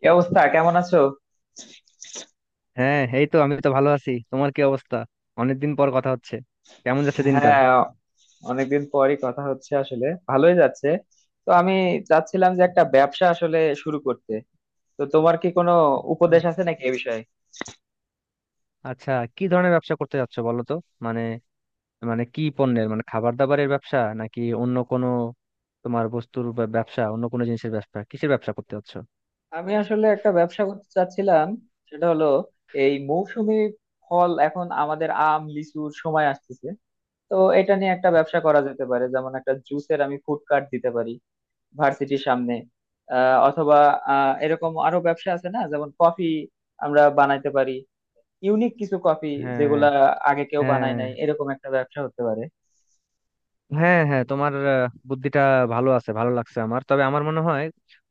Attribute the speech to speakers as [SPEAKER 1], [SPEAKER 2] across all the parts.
[SPEAKER 1] কি অবস্থা? কেমন আছো?
[SPEAKER 2] হ্যাঁ, এই তো আমি তো ভালো আছি। তোমার কি অবস্থা? অনেকদিন পর কথা হচ্ছে। কেমন যাচ্ছে দিনকাল?
[SPEAKER 1] হ্যাঁ, অনেকদিন পরই কথা হচ্ছে। আসলে ভালোই যাচ্ছে। তো আমি চাচ্ছিলাম যে একটা ব্যবসা আসলে শুরু করতে। তো তোমার কি কোনো
[SPEAKER 2] হুম,
[SPEAKER 1] উপদেশ আছে নাকি এ বিষয়ে?
[SPEAKER 2] আচ্ছা, কি ধরনের ব্যবসা করতে যাচ্ছ বলো তো। মানে মানে কি পণ্যের, মানে খাবার দাবারের ব্যবসা, নাকি অন্য কোনো তোমার ব্যবসা, অন্য কোনো জিনিসের ব্যবসা, কিসের ব্যবসা করতে যাচ্ছ?
[SPEAKER 1] আমি আসলে একটা ব্যবসা করতে চাচ্ছিলাম, সেটা হলো এই মৌসুমী ফল। এখন আমাদের আম লিচুর সময় আসতেছে, তো এটা নিয়ে একটা ব্যবসা করা যেতে পারে। যেমন একটা জুসের, আমি ফুড কার্ট দিতে পারি ভার্সিটির সামনে। অথবা এরকম আরো ব্যবসা আছে না, যেমন কফি আমরা বানাইতে পারি, ইউনিক কিছু কফি,
[SPEAKER 2] হ্যাঁ,
[SPEAKER 1] যেগুলা আগে কেউ বানায়
[SPEAKER 2] হ্যাঁ,
[SPEAKER 1] নাই। এরকম একটা ব্যবসা হতে পারে।
[SPEAKER 2] হ্যাঁ, হ্যাঁ, তোমার বুদ্ধিটা ভালো আছে, ভালো লাগছে আমার। তবে আমার মনে হয়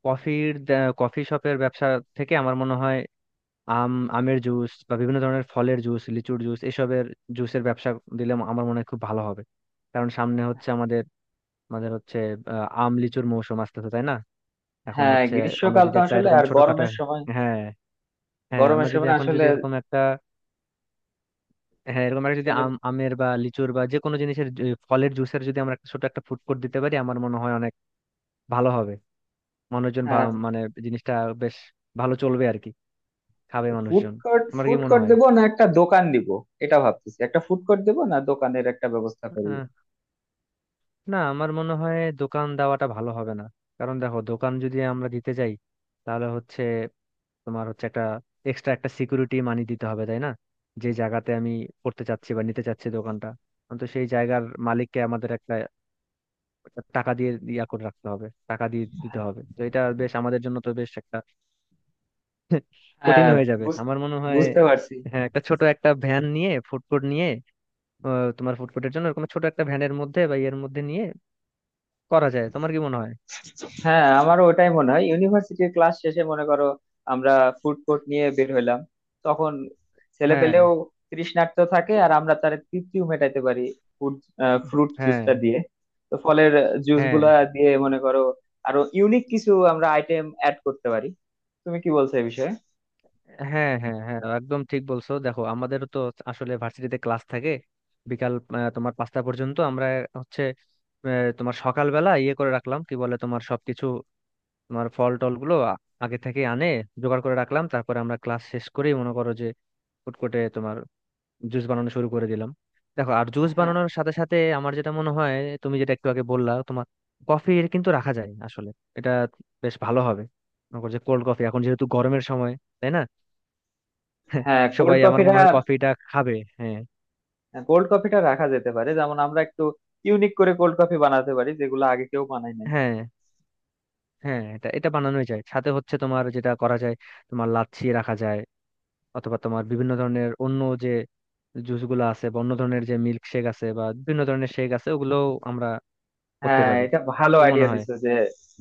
[SPEAKER 2] কফির, কফি শপের ব্যবসা থেকে আমার মনে হয় আমের জুস বা বিভিন্ন ধরনের ফলের জুস, লিচুর জুস, এসবের জুসের ব্যবসা দিলে আমার মনে হয় খুব ভালো হবে। কারণ সামনে হচ্ছে আমাদের, আমাদের হচ্ছে আম লিচুর মৌসুম আসতেছে, তাই না? এখন
[SPEAKER 1] হ্যাঁ,
[SPEAKER 2] হচ্ছে আমরা
[SPEAKER 1] গ্রীষ্মকাল
[SPEAKER 2] যদি
[SPEAKER 1] তো,
[SPEAKER 2] একটা
[SPEAKER 1] আসলে
[SPEAKER 2] এরকম
[SPEAKER 1] আর
[SPEAKER 2] ছোটখাটো,
[SPEAKER 1] গরমের সময়।
[SPEAKER 2] হ্যাঁ, হ্যাঁ,
[SPEAKER 1] গরমের
[SPEAKER 2] আমরা যদি
[SPEAKER 1] সময়
[SPEAKER 2] এখন
[SPEAKER 1] আসলে
[SPEAKER 2] যদি এরকম একটা, হ্যাঁ, এরকম একটা যদি
[SPEAKER 1] ছেলে।
[SPEAKER 2] আমের বা লিচুর বা যে কোনো জিনিসের ফলের জুসের যদি আমরা একটা ছোট একটা ফুড কোর্ট দিতে পারি, আমার মনে হয় অনেক ভালো হবে। মানুষজন
[SPEAKER 1] হ্যাঁ,
[SPEAKER 2] মানে জিনিসটা বেশ ভালো চলবে আর কি, খাবে
[SPEAKER 1] ফুড
[SPEAKER 2] মানুষজন।
[SPEAKER 1] কোর্ট,
[SPEAKER 2] আমার কি
[SPEAKER 1] ফুড
[SPEAKER 2] মনে
[SPEAKER 1] কোর্ট
[SPEAKER 2] হয়,
[SPEAKER 1] দেবো না, একটা দোকান দিব। এটা ভাবতেছি, একটা ফুড কোর্ট দেবো না, দোকানের একটা ব্যবস্থা করবো।
[SPEAKER 2] না, আমার মনে হয় দোকান দেওয়াটা ভালো হবে না। কারণ দেখো, দোকান যদি আমরা দিতে যাই তাহলে হচ্ছে তোমার হচ্ছে একটা এক্সট্রা একটা সিকিউরিটি মানি দিতে হবে, তাই না? যে জায়গাতে আমি করতে চাচ্ছি বা নিতে চাচ্ছি দোকানটা, আমি তো সেই জায়গার মালিককে আমাদের একটা, একটা টাকা দিয়ে ইয়া করে রাখতে হবে, টাকা দিয়ে দিতে হবে। তো এটা বেশ আমাদের জন্য তো বেশ একটা কঠিন
[SPEAKER 1] হ্যাঁ,
[SPEAKER 2] হয়ে যাবে
[SPEAKER 1] বুঝ-
[SPEAKER 2] আমার মনে হয়।
[SPEAKER 1] বুঝতে পারছি।
[SPEAKER 2] হ্যাঁ, একটা ছোট একটা ভ্যান নিয়ে ফুড কোর্ট নিয়ে, তোমার ফুড কোর্টের জন্য এরকম ছোট একটা ভ্যানের মধ্যে বা ইয়ের মধ্যে নিয়ে করা যায়। তোমার কি মনে হয়?
[SPEAKER 1] হ্যাঁ, আমারও ওটাই মনে হয়। ইউনিভার্সিটির ক্লাস শেষে মনে করো আমরা ফুড কোর্ট নিয়ে বের হইলাম, তখন ছেলে
[SPEAKER 2] হ্যাঁ,
[SPEAKER 1] পেলেও তৃষ্ণার্ত থাকে, আর আমরা তার তৃপ্তিও মেটাতে পারি ফুড ফ্রুট
[SPEAKER 2] হ্যাঁ,
[SPEAKER 1] জুসটা দিয়ে। তো ফলের জুস
[SPEAKER 2] হ্যাঁ,
[SPEAKER 1] গুলা দিয়ে মনে করো আরো ইউনিক কিছু আমরা আইটেম অ্যাড করতে পারি। তুমি কি বলছো এই বিষয়ে?
[SPEAKER 2] হ্যাঁ, হ্যাঁ, হ্যাঁ, একদম ঠিক বলছো। দেখো আমাদের তো আসলে ভার্সিটিতে ক্লাস থাকে বিকাল তোমার পাঁচটা পর্যন্ত। আমরা হচ্ছে আহ, তোমার সকালবেলা ইয়ে করে রাখলাম কি বলে তোমার সবকিছু, তোমার ফল টল গুলো আগে থেকে জোগাড় করে রাখলাম, তারপরে আমরা ক্লাস শেষ করেই মনে করো যে ফুড কোর্টে তোমার জুস বানানো শুরু করে দিলাম। দেখো আর জুস
[SPEAKER 1] হ্যাঁ
[SPEAKER 2] বানানোর সাথে সাথে আমার যেটা মনে হয় তুমি যেটা একটু আগে বললা তোমার কফি কিন্তু রাখা যায় আসলে, এটা বেশ ভালো হবে। মনে করো যে কোল্ড কফি, এখন যেহেতু গরমের সময়, তাই না?
[SPEAKER 1] হ্যাঁ, কোল্ড
[SPEAKER 2] সবাই আমার
[SPEAKER 1] কফিটা,
[SPEAKER 2] মনে হয় কফিটা খাবে। হ্যাঁ,
[SPEAKER 1] কোল্ড কফিটা রাখা যেতে পারে। যেমন আমরা একটু ইউনিক করে কোল্ড কফি বানাতে পারি, যেগুলো আগে কেউ বানায় নাই।
[SPEAKER 2] হ্যাঁ, হ্যাঁ, এটা, এটা বানানোই যায়। সাথে হচ্ছে তোমার যেটা করা যায়, তোমার লাচ্ছি রাখা যায়, অথবা তোমার বিভিন্ন ধরনের অন্য যে জুস গুলো আছে বা অন্য ধরনের যে মিল্ক শেক আছে বা বিভিন্ন ধরনের শেক আছে ওগুলো আমরা করতে
[SPEAKER 1] হ্যাঁ,
[SPEAKER 2] পারি।
[SPEAKER 1] এটা ভালো
[SPEAKER 2] কি মনে
[SPEAKER 1] আইডিয়া
[SPEAKER 2] হয়?
[SPEAKER 1] দিছো যে,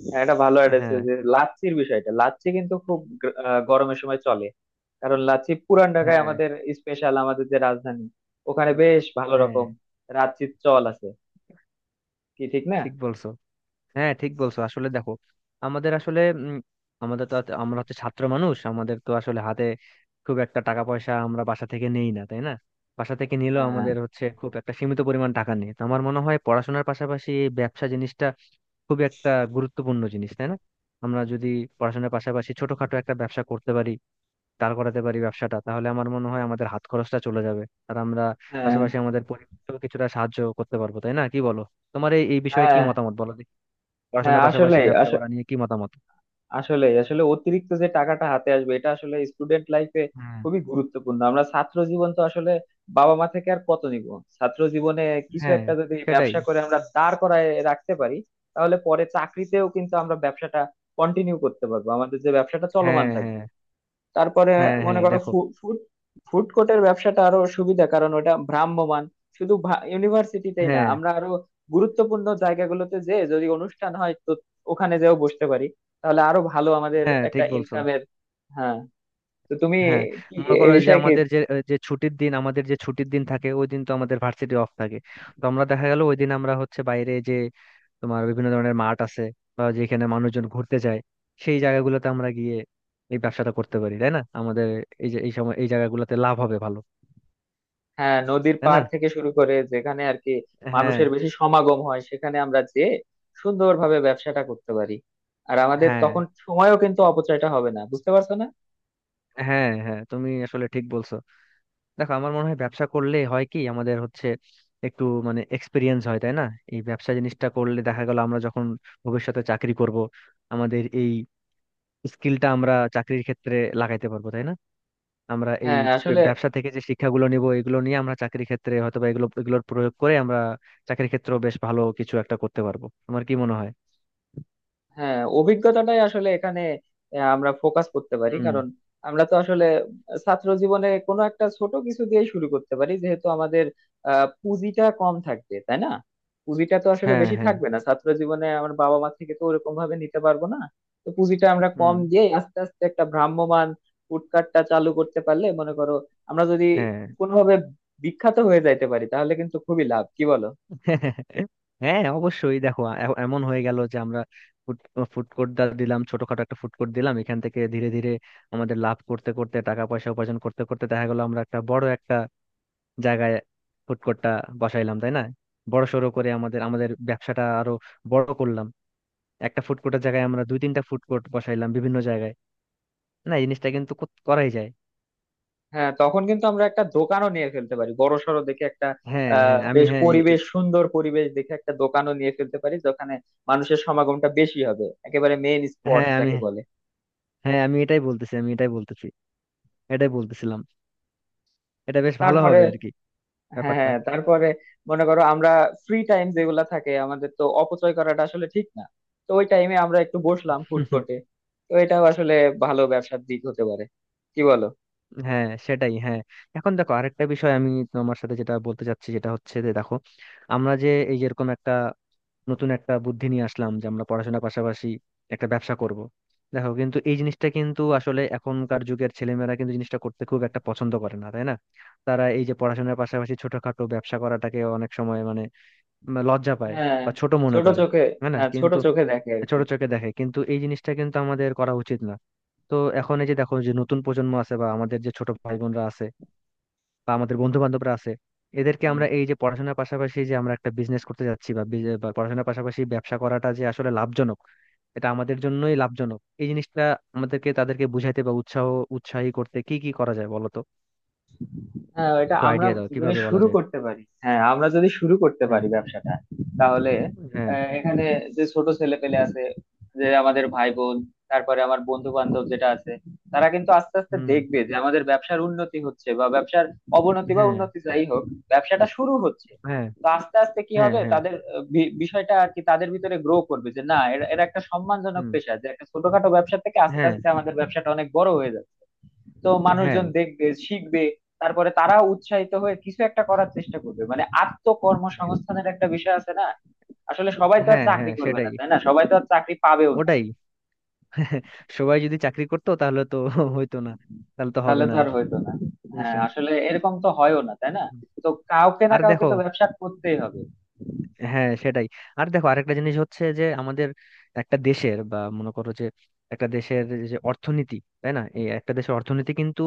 [SPEAKER 1] হ্যাঁ, এটা ভালো আইডিয়া দিছো
[SPEAKER 2] হ্যাঁ,
[SPEAKER 1] যে লাচ্ছির বিষয়টা। লাচ্ছি কিন্তু খুব গরমের সময় চলে। কারণ লাচ্ছি পুরান ঢাকায়
[SPEAKER 2] হ্যাঁ,
[SPEAKER 1] আমাদের স্পেশাল, আমাদের যে রাজধানী, ওখানে
[SPEAKER 2] আহ,
[SPEAKER 1] বেশ ভালো
[SPEAKER 2] হ্যাঁ,
[SPEAKER 1] রকম লাচ্ছির চল আছে, কি ঠিক না?
[SPEAKER 2] ঠিক বলছো, হ্যাঁ ঠিক বলছো। আসলে দেখো, আমাদের আসলে আমাদের তো আমরা হচ্ছে ছাত্র মানুষ, আমাদের তো আসলে হাতে খুব একটা টাকা পয়সা আমরা বাসা থেকে নেই না, তাই না? বাসা থেকে নিলেও
[SPEAKER 1] হ্যাঁ
[SPEAKER 2] আমাদের হচ্ছে খুব একটা সীমিত পরিমাণ টাকা নেই। তো আমার মনে হয় পড়াশোনার পাশাপাশি এই ব্যবসা জিনিসটা খুব একটা গুরুত্বপূর্ণ জিনিস, তাই না? আমরা যদি পড়াশোনার পাশাপাশি ছোটখাটো একটা ব্যবসা করতে পারি, দাঁড় করাতে পারি ব্যবসাটা, তাহলে আমার মনে হয় আমাদের হাত খরচটা চলে যাবে। আর আমরা
[SPEAKER 1] হ্যাঁ
[SPEAKER 2] পাশাপাশি আমাদের পরিবারকেও কিছুটা সাহায্য করতে পারবো, তাই না? কি বলো? তোমার এই এই বিষয়ে কি
[SPEAKER 1] হ্যাঁ
[SPEAKER 2] মতামত বলো দেখি,
[SPEAKER 1] হ্যাঁ,
[SPEAKER 2] পড়াশোনার
[SPEAKER 1] আসলে
[SPEAKER 2] পাশাপাশি ব্যবসা করা নিয়ে কি মতামত?
[SPEAKER 1] আসলে আসলে অতিরিক্ত যে টাকাটা হাতে আসবে, এটা আসলে স্টুডেন্ট লাইফে
[SPEAKER 2] হ্যাঁ,
[SPEAKER 1] খুবই গুরুত্বপূর্ণ। আমরা ছাত্র জীবন, তো আসলে বাবা মা থেকে আর কত নিব? ছাত্র জীবনে কিছু
[SPEAKER 2] হ্যাঁ,
[SPEAKER 1] একটা যদি
[SPEAKER 2] সেটাই।
[SPEAKER 1] ব্যবসা করে আমরা দাঁড় করায় রাখতে পারি, তাহলে পরে চাকরিতেও কিন্তু আমরা ব্যবসাটা কন্টিনিউ করতে পারবো, আমাদের যে ব্যবসাটা চলমান
[SPEAKER 2] হ্যাঁ,
[SPEAKER 1] থাকবে।
[SPEAKER 2] হ্যাঁ,
[SPEAKER 1] তারপরে
[SPEAKER 2] হ্যাঁ,
[SPEAKER 1] মনে
[SPEAKER 2] হ্যাঁ,
[SPEAKER 1] করো
[SPEAKER 2] দেখো।
[SPEAKER 1] ফুড ফুড কোর্টের ব্যবসাটা আরো সুবিধা, কারণ ওটা ভ্রাম্যমান। শুধু ইউনিভার্সিটিতেই না,
[SPEAKER 2] হ্যাঁ,
[SPEAKER 1] আমরা আরো গুরুত্বপূর্ণ জায়গাগুলোতে, যে যদি অনুষ্ঠান হয়, তো ওখানে যেও বসতে পারি। তাহলে আরো ভালো আমাদের
[SPEAKER 2] হ্যাঁ,
[SPEAKER 1] একটা
[SPEAKER 2] ঠিক বলছো।
[SPEAKER 1] ইনকামের। হ্যাঁ, তো তুমি
[SPEAKER 2] হ্যাঁ,
[SPEAKER 1] কি
[SPEAKER 2] মনে করো
[SPEAKER 1] এই
[SPEAKER 2] যে
[SPEAKER 1] বিষয়ে কি?
[SPEAKER 2] আমাদের যে, যে ছুটির দিন আমাদের যে ছুটির দিন থাকে ওই দিন তো আমাদের ভার্সিটি অফ থাকে। তো আমরা দেখা গেল ওই দিন আমরা হচ্ছে বাইরে যে তোমার বিভিন্ন ধরনের মাঠ আছে বা যেখানে মানুষজন ঘুরতে যায় সেই জায়গাগুলোতে আমরা গিয়ে এই ব্যবসাটা করতে পারি, তাই না? আমাদের এই, যে এই সময় এই জায়গাগুলোতে লাভ হবে ভালো,
[SPEAKER 1] হ্যাঁ, নদীর
[SPEAKER 2] তাই না?
[SPEAKER 1] পার থেকে শুরু করে যেখানে আর কি
[SPEAKER 2] হ্যাঁ,
[SPEAKER 1] মানুষের বেশি সমাগম হয়, সেখানে আমরা যে সুন্দরভাবে ব্যবসাটা করতে পারি। আর আমাদের
[SPEAKER 2] হ্যাঁ,
[SPEAKER 1] তখন সময়ও কিন্তু অপচয়টা হবে না, বুঝতে পারছো না?
[SPEAKER 2] হ্যাঁ, হ্যাঁ, তুমি আসলে ঠিক বলছো। দেখো আমার মনে হয় ব্যবসা করলে হয় কি আমাদের হচ্ছে একটু মানে এক্সপিরিয়েন্স হয়, তাই না? এই ব্যবসা জিনিসটা করলে দেখা গেল আমরা যখন ভবিষ্যতে চাকরি করব আমাদের এই স্কিলটা আমরা চাকরির ক্ষেত্রে লাগাইতে পারবো, তাই না? আমরা এই
[SPEAKER 1] হ্যাঁ, আসলে
[SPEAKER 2] ব্যবসা থেকে যে শিক্ষাগুলো নিব এগুলো নিয়ে আমরা চাকরি ক্ষেত্রে হয়তো বা এগুলো এগুলোর প্রয়োগ করে আমরা চাকরি ক্ষেত্রেও বেশ ভালো কিছু একটা করতে পারবো আমার কি মনে হয়।
[SPEAKER 1] হ্যাঁ, অভিজ্ঞতাটাই আসলে এখানে আমরা ফোকাস করতে পারি।
[SPEAKER 2] হুম।
[SPEAKER 1] কারণ আমরা তো আসলে ছাত্র জীবনে কোনো একটা ছোট কিছু দিয়ে শুরু করতে পারি, যেহেতু আমাদের পুঁজিটা কম থাকবে, তাই না? পুঁজিটা তো আসলে
[SPEAKER 2] হ্যাঁ,
[SPEAKER 1] বেশি
[SPEAKER 2] হ্যাঁ।
[SPEAKER 1] থাকবে না ছাত্র জীবনে, আমার বাবা মা থেকে তো ওরকম ভাবে নিতে পারবো না। তো পুঁজিটা আমরা
[SPEAKER 2] হুম।
[SPEAKER 1] কম দিয়ে আস্তে আস্তে একটা ভ্রাম্যমাণ ফুডকার্টটা চালু করতে পারলে মনে করো, আমরা যদি
[SPEAKER 2] হ্যাঁ।
[SPEAKER 1] কোনোভাবে বিখ্যাত হয়ে যাইতে পারি, তাহলে কিন্তু খুবই লাভ, কি বলো?
[SPEAKER 2] হ্যাঁ, অবশ্যই। দেখো এমন হয়ে গেল যে আমরা ফুড ফুড কোর্ট দিলাম, ছোটখাটো একটা ফুড কোর্ট দিলাম, এখান থেকে ধীরে ধীরে আমাদের লাভ করতে করতে, টাকা পয়সা উপার্জন করতে করতে, দেখা গেল আমরা একটা বড় একটা জায়গায় ফুড কোর্টটা বসাইলাম, তাই না? বড় সড়ো করে আমাদের, আমাদের ব্যবসাটা আরো বড় করলাম। একটা ফুড কোর্টের জায়গায় আমরা দুই তিনটা ফুড কোর্ট বসাইলাম বিভিন্ন জায়গায়। না, এই জিনিসটা কিন্তু করাই যায়।
[SPEAKER 1] হ্যাঁ, তখন কিন্তু আমরা একটা দোকানও নিয়ে ফেলতে পারি, বড়সড় দেখে একটা।
[SPEAKER 2] হ্যাঁ, হ্যাঁ, আমি
[SPEAKER 1] বেশ
[SPEAKER 2] হ্যাঁ,
[SPEAKER 1] পরিবেশ, সুন্দর পরিবেশ দেখে একটা দোকানও নিয়ে ফেলতে পারি, যেখানে মানুষের সমাগমটা বেশি হবে, একেবারে মেইন স্পট
[SPEAKER 2] হ্যাঁ, আমি
[SPEAKER 1] যাকে বলে।
[SPEAKER 2] হ্যাঁ, আমি এটাই বলতেছি, আমি এটাই বলতেছি, এটাই বলতেছিলাম। এটা বেশ ভালো
[SPEAKER 1] তারপরে
[SPEAKER 2] হবে আর কি
[SPEAKER 1] হ্যাঁ
[SPEAKER 2] ব্যাপারটা।
[SPEAKER 1] হ্যাঁ, তারপরে মনে করো আমরা ফ্রি টাইম যেগুলা থাকে, আমাদের তো অপচয় করাটা আসলে ঠিক না। তো ওই টাইমে আমরা একটু বসলাম ফুড কোর্টে। তো এটাও আসলে ভালো ব্যবসার দিক হতে পারে, কি বলো?
[SPEAKER 2] হ্যাঁ, সেটাই, হ্যাঁ। এখন দেখো আরেকটা বিষয় আমি তোমার সাথে যেটা বলতে চাচ্ছি যেটা হচ্ছে যে দেখো আমরা যে এই যেরকম একটা নতুন একটা বুদ্ধি নিয়ে আসলাম যে আমরা পড়াশোনার পাশাপাশি একটা ব্যবসা করব। দেখো কিন্তু এই জিনিসটা কিন্তু আসলে এখনকার যুগের ছেলেমেয়েরা কিন্তু জিনিসটা করতে খুব একটা পছন্দ করে না, তাই না? তারা এই যে পড়াশোনার পাশাপাশি ছোটখাটো ব্যবসা করাটাকে অনেক সময় মানে লজ্জা পায়
[SPEAKER 1] হ্যাঁ,
[SPEAKER 2] বা ছোট মনে
[SPEAKER 1] ছোট
[SPEAKER 2] করে।
[SPEAKER 1] চোখে,
[SPEAKER 2] হ্যাঁ, না
[SPEAKER 1] হ্যাঁ, ছোট
[SPEAKER 2] কিন্তু
[SPEAKER 1] চোখে দেখে আর কি।
[SPEAKER 2] ছোট চোখে দেখে, কিন্তু এই জিনিসটা কিন্তু আমাদের করা উচিত না। তো এখন এই যে দেখো যে নতুন প্রজন্ম আছে বা আমাদের যে ছোট ভাই বোনরা আছে বা আমাদের বন্ধু বান্ধবরা আছে এদেরকে আমরা এই যে পড়াশোনার পাশাপাশি যে আমরা একটা বিজনেস করতে যাচ্ছি বা বা পড়াশোনার পাশাপাশি ব্যবসা করাটা যে আসলে লাভজনক, এটা আমাদের জন্যই লাভজনক এই জিনিসটা, আমাদেরকে তাদেরকে বুঝাইতে বা উৎসাহ, উৎসাহী করতে কি কি করা যায় বলো তো,
[SPEAKER 1] হ্যাঁ, এটা
[SPEAKER 2] একটু
[SPEAKER 1] আমরা
[SPEAKER 2] আইডিয়া দাও
[SPEAKER 1] যদি
[SPEAKER 2] কিভাবে বলা
[SPEAKER 1] শুরু
[SPEAKER 2] যায়।
[SPEAKER 1] করতে পারি, হ্যাঁ, আমরা যদি শুরু করতে
[SPEAKER 2] হ্যাঁ,
[SPEAKER 1] পারি ব্যবসাটা, তাহলে
[SPEAKER 2] হ্যাঁ,
[SPEAKER 1] এখানে যে ছোট ছেলে পেলে আছে, যে আমাদের ভাই বোন, তারপরে আমার বন্ধু বান্ধব যেটা আছে, তারা কিন্তু আস্তে আস্তে
[SPEAKER 2] হুম,
[SPEAKER 1] দেখবে যে আমাদের ব্যবসার উন্নতি হচ্ছে, বা ব্যবসার অবনতি বা
[SPEAKER 2] হ্যাঁ,
[SPEAKER 1] উন্নতি যাই হোক, ব্যবসাটা শুরু হচ্ছে।
[SPEAKER 2] হ্যাঁ,
[SPEAKER 1] তো আস্তে আস্তে কি
[SPEAKER 2] হ্যাঁ,
[SPEAKER 1] হবে,
[SPEAKER 2] হ্যাঁ,
[SPEAKER 1] তাদের বিষয়টা আর কি তাদের ভিতরে গ্রো করবে, যে না, এরা এরা একটা সম্মানজনক
[SPEAKER 2] হুম,
[SPEAKER 1] পেশা, যে একটা ছোটখাটো ব্যবসা থেকে আস্তে
[SPEAKER 2] হ্যাঁ,
[SPEAKER 1] আস্তে আমাদের ব্যবসাটা অনেক বড় হয়ে যাবে। তো
[SPEAKER 2] হ্যাঁ,
[SPEAKER 1] মানুষজন দেখবে, শিখবে, তারপরে তারা উৎসাহিত হয়ে কিছু একটা করার চেষ্টা করবে। মানে আত্মকর্মসংস্থানের একটা বিষয় আছে না, আসলে সবাই তো আর
[SPEAKER 2] হ্যাঁ, হ্যাঁ,
[SPEAKER 1] চাকরি করবে না,
[SPEAKER 2] সেটাই,
[SPEAKER 1] তাই না? সবাই তো আর চাকরি পাবেও না,
[SPEAKER 2] ওটাই। সবাই যদি চাকরি করতো তাহলে তো হইতো না, তাহলে তো
[SPEAKER 1] তাহলে
[SPEAKER 2] হবে না
[SPEAKER 1] তো আর
[SPEAKER 2] আর
[SPEAKER 1] হইতো না। হ্যাঁ,
[SPEAKER 2] জিনিসটা।
[SPEAKER 1] আসলে এরকম তো হয়ও না, তাই না? তো কাউকে না
[SPEAKER 2] আর
[SPEAKER 1] কাউকে
[SPEAKER 2] দেখো
[SPEAKER 1] তো ব্যবসা করতেই হবে।
[SPEAKER 2] হ্যাঁ, সেটাই। আর দেখো আরেকটা জিনিস হচ্ছে যে আমাদের একটা দেশের, বা মনে করো যে একটা দেশের যে অর্থনীতি, তাই না? এই একটা দেশের অর্থনীতি কিন্তু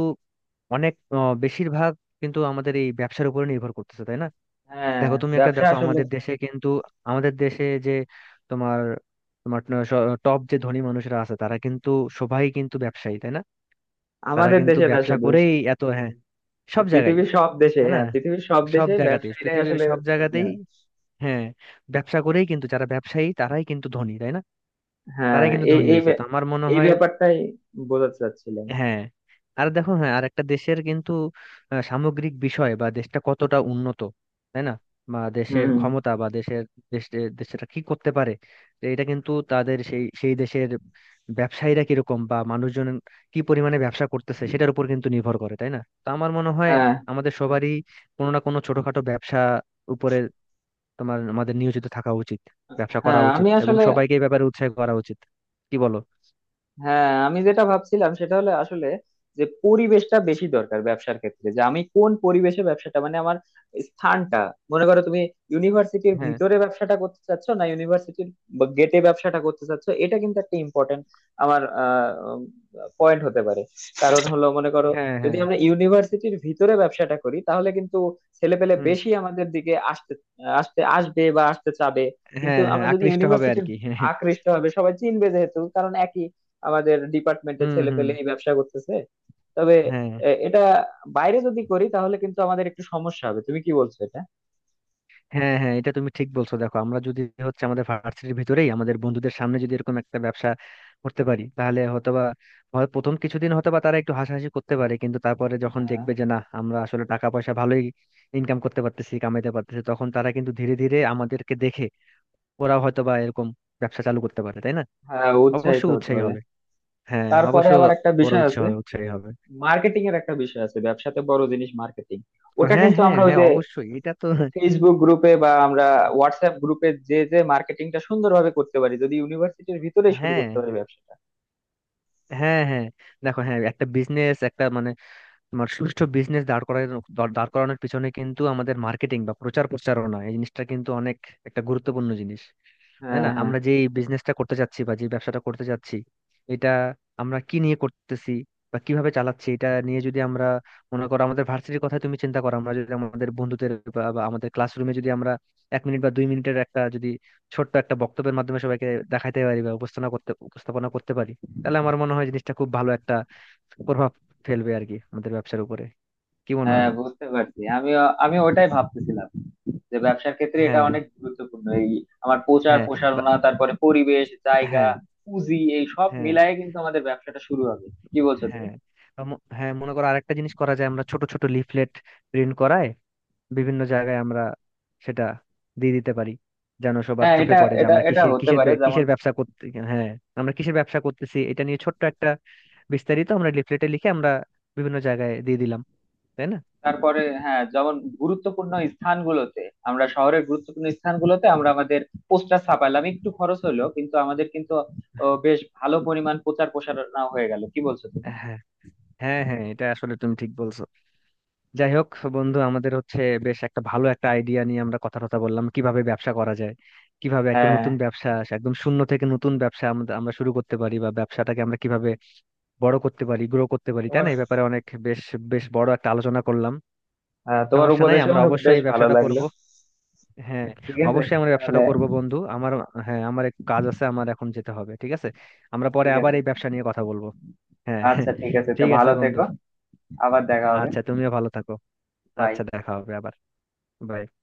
[SPEAKER 2] অনেক বেশিরভাগ কিন্তু আমাদের এই ব্যবসার উপরে নির্ভর করতেছে, তাই না?
[SPEAKER 1] হ্যাঁ,
[SPEAKER 2] দেখো তুমি একটা,
[SPEAKER 1] ব্যবসা
[SPEAKER 2] দেখো
[SPEAKER 1] আসলে
[SPEAKER 2] আমাদের দেশে কিন্তু, আমাদের দেশে যে তোমার, তোমার টপ যে ধনী মানুষরা আছে তারা কিন্তু, সবাই কিন্তু ব্যবসায়ী, তাই না? তারা
[SPEAKER 1] আমাদের
[SPEAKER 2] কিন্তু
[SPEAKER 1] দেশে না
[SPEAKER 2] ব্যবসা
[SPEAKER 1] শুধু,
[SPEAKER 2] করেই এত, হ্যাঁ, সব জায়গায়,
[SPEAKER 1] পৃথিবীর সব দেশে,
[SPEAKER 2] তাই না?
[SPEAKER 1] হ্যাঁ, পৃথিবীর সব
[SPEAKER 2] সব
[SPEAKER 1] দেশে
[SPEAKER 2] জায়গাতেই,
[SPEAKER 1] ব্যবসায়ীরাই
[SPEAKER 2] পৃথিবীর
[SPEAKER 1] আসলে
[SPEAKER 2] সব
[SPEAKER 1] ধনী
[SPEAKER 2] জায়গাতেই।
[SPEAKER 1] হয়।
[SPEAKER 2] হ্যাঁ, ব্যবসা করেই কিন্তু যারা ব্যবসায়ী তারাই কিন্তু ধনী, তাই না?
[SPEAKER 1] হ্যাঁ,
[SPEAKER 2] তারাই কিন্তু
[SPEAKER 1] এই
[SPEAKER 2] ধনী
[SPEAKER 1] এই
[SPEAKER 2] হয়েছে। তো
[SPEAKER 1] ব্যা-
[SPEAKER 2] আমার মনে
[SPEAKER 1] এই
[SPEAKER 2] হয়,
[SPEAKER 1] ব্যাপারটাই বোঝাতে চাচ্ছিলাম।
[SPEAKER 2] হ্যাঁ। আর দেখো, হ্যাঁ, আর একটা দেশের কিন্তু সামগ্রিক বিষয় বা দেশটা কতটা উন্নত, তাই না? বা দেশের
[SPEAKER 1] হম।
[SPEAKER 2] ক্ষমতা বা দেশের, দেশের, দেশটা কি করতে পারে, তো এটা কিন্তু তাদের সেই, সেই দেশের ব্যবসায়ীরা কিরকম বা মানুষজন কি পরিমাণে ব্যবসা করতেছে সেটার উপর কিন্তু নির্ভর করে, তাই না? তো আমার মনে হয়
[SPEAKER 1] হ্যাঁ
[SPEAKER 2] আমাদের সবারই কোনো না কোনো ছোটখাটো ব্যবসা উপরে তোমার আমাদের নিয়োজিত থাকা উচিত, ব্যবসা করা
[SPEAKER 1] হ্যাঁ,
[SPEAKER 2] উচিত
[SPEAKER 1] আমি
[SPEAKER 2] এবং
[SPEAKER 1] আসলে,
[SPEAKER 2] সবাইকে এই ব্যাপারে উৎসাহ করা উচিত। কি বলো?
[SPEAKER 1] হ্যাঁ, আমি যেটা ভাবছিলাম সেটা হলো আসলে যে পরিবেশটা বেশি দরকার ব্যবসার ক্ষেত্রে, যে আমি কোন পরিবেশে ব্যবসাটা, মানে আমার স্থানটা, মনে করো তুমি ইউনিভার্সিটির
[SPEAKER 2] হ্যাঁ,
[SPEAKER 1] ভিতরে ব্যবসাটা করতে চাচ্ছ, না ইউনিভার্সিটির গেটে ব্যবসাটা করতে চাচ্ছ, এটা কিন্তু একটা ইম্পর্টেন্ট আমার পয়েন্ট হতে পারে। কারণ হলো মনে করো,
[SPEAKER 2] হ্যাঁ,
[SPEAKER 1] যদি
[SPEAKER 2] হ্যাঁ,
[SPEAKER 1] আমরা ইউনিভার্সিটির ভিতরে ব্যবসাটা করি, তাহলে কিন্তু ছেলেপেলে
[SPEAKER 2] হুম,
[SPEAKER 1] বেশি আমাদের দিকে আসতে আসতে আসবে বা আসতে চাবে। কিন্তু
[SPEAKER 2] হ্যাঁ, হ্যাঁ
[SPEAKER 1] আমরা যদি
[SPEAKER 2] আকৃষ্ট হবে আর
[SPEAKER 1] ইউনিভার্সিটির
[SPEAKER 2] কি, হ্যাঁ,
[SPEAKER 1] আকৃষ্ট হবে, সবাই চিনবে, যেহেতু কারণ একই আমাদের ডিপার্টমেন্টের
[SPEAKER 2] হুম,
[SPEAKER 1] ছেলে
[SPEAKER 2] হুম,
[SPEAKER 1] পেলে এই ব্যবসা করতেছে। তবে
[SPEAKER 2] হ্যাঁ,
[SPEAKER 1] এটা বাইরে যদি করি, তাহলে কিন্তু আমাদের একটু সমস্যা হবে। তুমি কি বলছো এটা?
[SPEAKER 2] হ্যাঁ, হ্যাঁ এটা তুমি ঠিক বলছো। দেখো আমরা যদি হচ্ছে আমাদের ভার্সিটির ভিতরেই আমাদের বন্ধুদের সামনে যদি এরকম একটা ব্যবসা করতে পারি তাহলে হয়তোবা হয় প্রথম কিছুদিন হয়তোবা তারা একটু হাসাহাসি করতে পারে, কিন্তু তারপরে যখন
[SPEAKER 1] হ্যাঁ
[SPEAKER 2] দেখবে যে না আমরা আসলে টাকা পয়সা ভালোই ইনকাম করতে পারতেছি, কামাইতে পারতেছি, তখন তারা কিন্তু ধীরে ধীরে আমাদেরকে দেখে ওরাও হয়তোবা এরকম ব্যবসা চালু করতে পারে, তাই না?
[SPEAKER 1] হ্যাঁ,
[SPEAKER 2] অবশ্য
[SPEAKER 1] উৎসাহিত হতে
[SPEAKER 2] উৎসাহী
[SPEAKER 1] হবে।
[SPEAKER 2] হবে, হ্যাঁ
[SPEAKER 1] তারপরে
[SPEAKER 2] অবশ্য
[SPEAKER 1] আবার একটা
[SPEAKER 2] ওরা
[SPEAKER 1] বিষয়
[SPEAKER 2] উৎসাহ
[SPEAKER 1] আছে,
[SPEAKER 2] হবে, উৎসাহী হবে।
[SPEAKER 1] মার্কেটিং এর একটা বিষয় আছে, ব্যবসাতে বড় জিনিস মার্কেটিং। ওটা
[SPEAKER 2] হ্যাঁ,
[SPEAKER 1] কিন্তু
[SPEAKER 2] হ্যাঁ,
[SPEAKER 1] আমরা ওই
[SPEAKER 2] হ্যাঁ,
[SPEAKER 1] যে
[SPEAKER 2] অবশ্যই এটা তো।
[SPEAKER 1] ফেসবুক গ্রুপে বা আমরা হোয়াটসঅ্যাপ গ্রুপে যে যে মার্কেটিংটা সুন্দরভাবে করতে পারি, যদি ইউনিভার্সিটির ভিতরেই শুরু
[SPEAKER 2] হ্যাঁ,
[SPEAKER 1] করতে পারি ব্যবসাটা।
[SPEAKER 2] হ্যাঁ, হ্যাঁ, দেখো, হ্যাঁ, একটা বিজনেস, একটা মানে তোমার সুষ্ঠু বিজনেস দাঁড় করানোর পিছনে কিন্তু আমাদের মার্কেটিং বা প্রচার প্রচারণা এই জিনিসটা কিন্তু অনেক একটা গুরুত্বপূর্ণ জিনিস, তাই
[SPEAKER 1] হ্যাঁ
[SPEAKER 2] না?
[SPEAKER 1] হ্যাঁ,
[SPEAKER 2] আমরা যে বিজনেসটা করতে যাচ্ছি বা যে ব্যবসাটা করতে যাচ্ছি এটা আমরা কি নিয়ে করতেছি বা কিভাবে চালাচ্ছি এটা নিয়ে যদি আমরা মনে করো আমাদের ভার্সিটির কথা তুমি চিন্তা করো, আমরা যদি আমাদের বন্ধুদের বা বা আমাদের ক্লাসরুমে যদি আমরা এক মিনিট বা দুই মিনিটের একটা যদি ছোট্ট একটা বক্তব্যের মাধ্যমে সবাইকে দেখাইতে পারি বা উপস্থাপনা করতে পারি তাহলে আমার মনে হয় জিনিসটা খুব ভালো একটা প্রভাব ফেলবে আর কি আমাদের ব্যবসার উপরে। কি মনে
[SPEAKER 1] হ্যাঁ,
[SPEAKER 2] হয়?
[SPEAKER 1] বুঝতে পারছি। আমিও, আমি ওটাই ভাবতেছিলাম যে ব্যবসার ক্ষেত্রে এটা
[SPEAKER 2] হ্যাঁ,
[SPEAKER 1] অনেক গুরুত্বপূর্ণ, এই আমার প্রচার
[SPEAKER 2] হ্যাঁ, বা
[SPEAKER 1] প্রসারণা, তারপরে পরিবেশ, জায়গা,
[SPEAKER 2] হ্যাঁ,
[SPEAKER 1] পুঁজি, এই সব
[SPEAKER 2] হ্যাঁ,
[SPEAKER 1] মিলায়ে কিন্তু আমাদের ব্যবসাটা শুরু হবে। কি বলছো তুমি?
[SPEAKER 2] হ্যাঁ, বা হ্যাঁ, মনে করো আরেকটা জিনিস করা যায়, আমরা ছোট ছোট লিফলেট প্রিন্ট করায় বিভিন্ন জায়গায় আমরা সেটা দিয়ে দিতে পারি, যেন সবার
[SPEAKER 1] হ্যাঁ,
[SPEAKER 2] চোখে
[SPEAKER 1] এটা
[SPEAKER 2] পড়ে যে
[SPEAKER 1] এটা
[SPEAKER 2] আমরা
[SPEAKER 1] এটা
[SPEAKER 2] কিসে
[SPEAKER 1] হতে
[SPEAKER 2] কিসের
[SPEAKER 1] পারে, যেমন
[SPEAKER 2] কিসের ব্যবসা করতে। হ্যাঁ, আমরা কিসের ব্যবসা করতেছি এটা নিয়ে ছোট্ট একটা বিস্তারিত আমরা লিফলেটে লিখে আমরা বিভিন্ন জায়গায় দিয়ে দিলাম, তাই না?
[SPEAKER 1] তারপরে হ্যাঁ, যেমন গুরুত্বপূর্ণ স্থানগুলোতে, আমরা শহরের গুরুত্বপূর্ণ স্থানগুলোতে আমরা আমাদের পোস্টার ছাপাইলাম, একটু খরচ হলো, কিন্তু আমাদের কিন্তু ও, বেশ ভালো পরিমাণ প্রচার প্রসারণা হয়ে গেল। কি বলছো তুমি?
[SPEAKER 2] হ্যাঁ, হ্যাঁ, হ্যাঁ, এটা আসলে তুমি ঠিক বলছো। যাই হোক বন্ধু, আমাদের হচ্ছে বেশ একটা ভালো একটা আইডিয়া নিয়ে আমরা কথা কথা বললাম কিভাবে ব্যবসা করা যায়, কিভাবে একটা
[SPEAKER 1] হ্যাঁ,
[SPEAKER 2] নতুন ব্যবসা একদম শূন্য থেকে নতুন ব্যবসা আমরা আমরা শুরু করতে পারি বা ব্যবসাটাকে আমরা কিভাবে বড় করতে পারি, গ্রো করতে পারি, তাই
[SPEAKER 1] তোমার,
[SPEAKER 2] না? এই ব্যাপারে অনেক বেশ, বেশ বড় একটা আলোচনা করলাম।
[SPEAKER 1] হ্যাঁ, তোমার
[SPEAKER 2] সমস্যা নাই,
[SPEAKER 1] উপদেশ
[SPEAKER 2] আমরা
[SPEAKER 1] আমার
[SPEAKER 2] অবশ্যই
[SPEAKER 1] বেশ
[SPEAKER 2] এই
[SPEAKER 1] ভালো
[SPEAKER 2] ব্যবসাটা
[SPEAKER 1] লাগলো।
[SPEAKER 2] করব, হ্যাঁ,
[SPEAKER 1] ঠিক আছে।
[SPEAKER 2] অবশ্যই আমরা
[SPEAKER 1] তাহলে
[SPEAKER 2] ব্যবসাটা করব বন্ধু আমার। হ্যাঁ, আমার এক কাজ আছে, আমার এখন যেতে হবে ঠিক আছে? আমরা পরে
[SPEAKER 1] ঠিক
[SPEAKER 2] আবার
[SPEAKER 1] আছে।
[SPEAKER 2] এই ব্যবসা নিয়ে কথা বলবো। হ্যাঁ, হ্যাঁ,
[SPEAKER 1] আচ্ছা, ঠিক আছে, তো
[SPEAKER 2] ঠিক আছে
[SPEAKER 1] ভালো
[SPEAKER 2] বন্ধু।
[SPEAKER 1] থেকো। আবার দেখা হবে।
[SPEAKER 2] আচ্ছা, তুমিও ভালো থাকো।
[SPEAKER 1] বাই।
[SPEAKER 2] আচ্ছা, দেখা হবে আবার। বাই।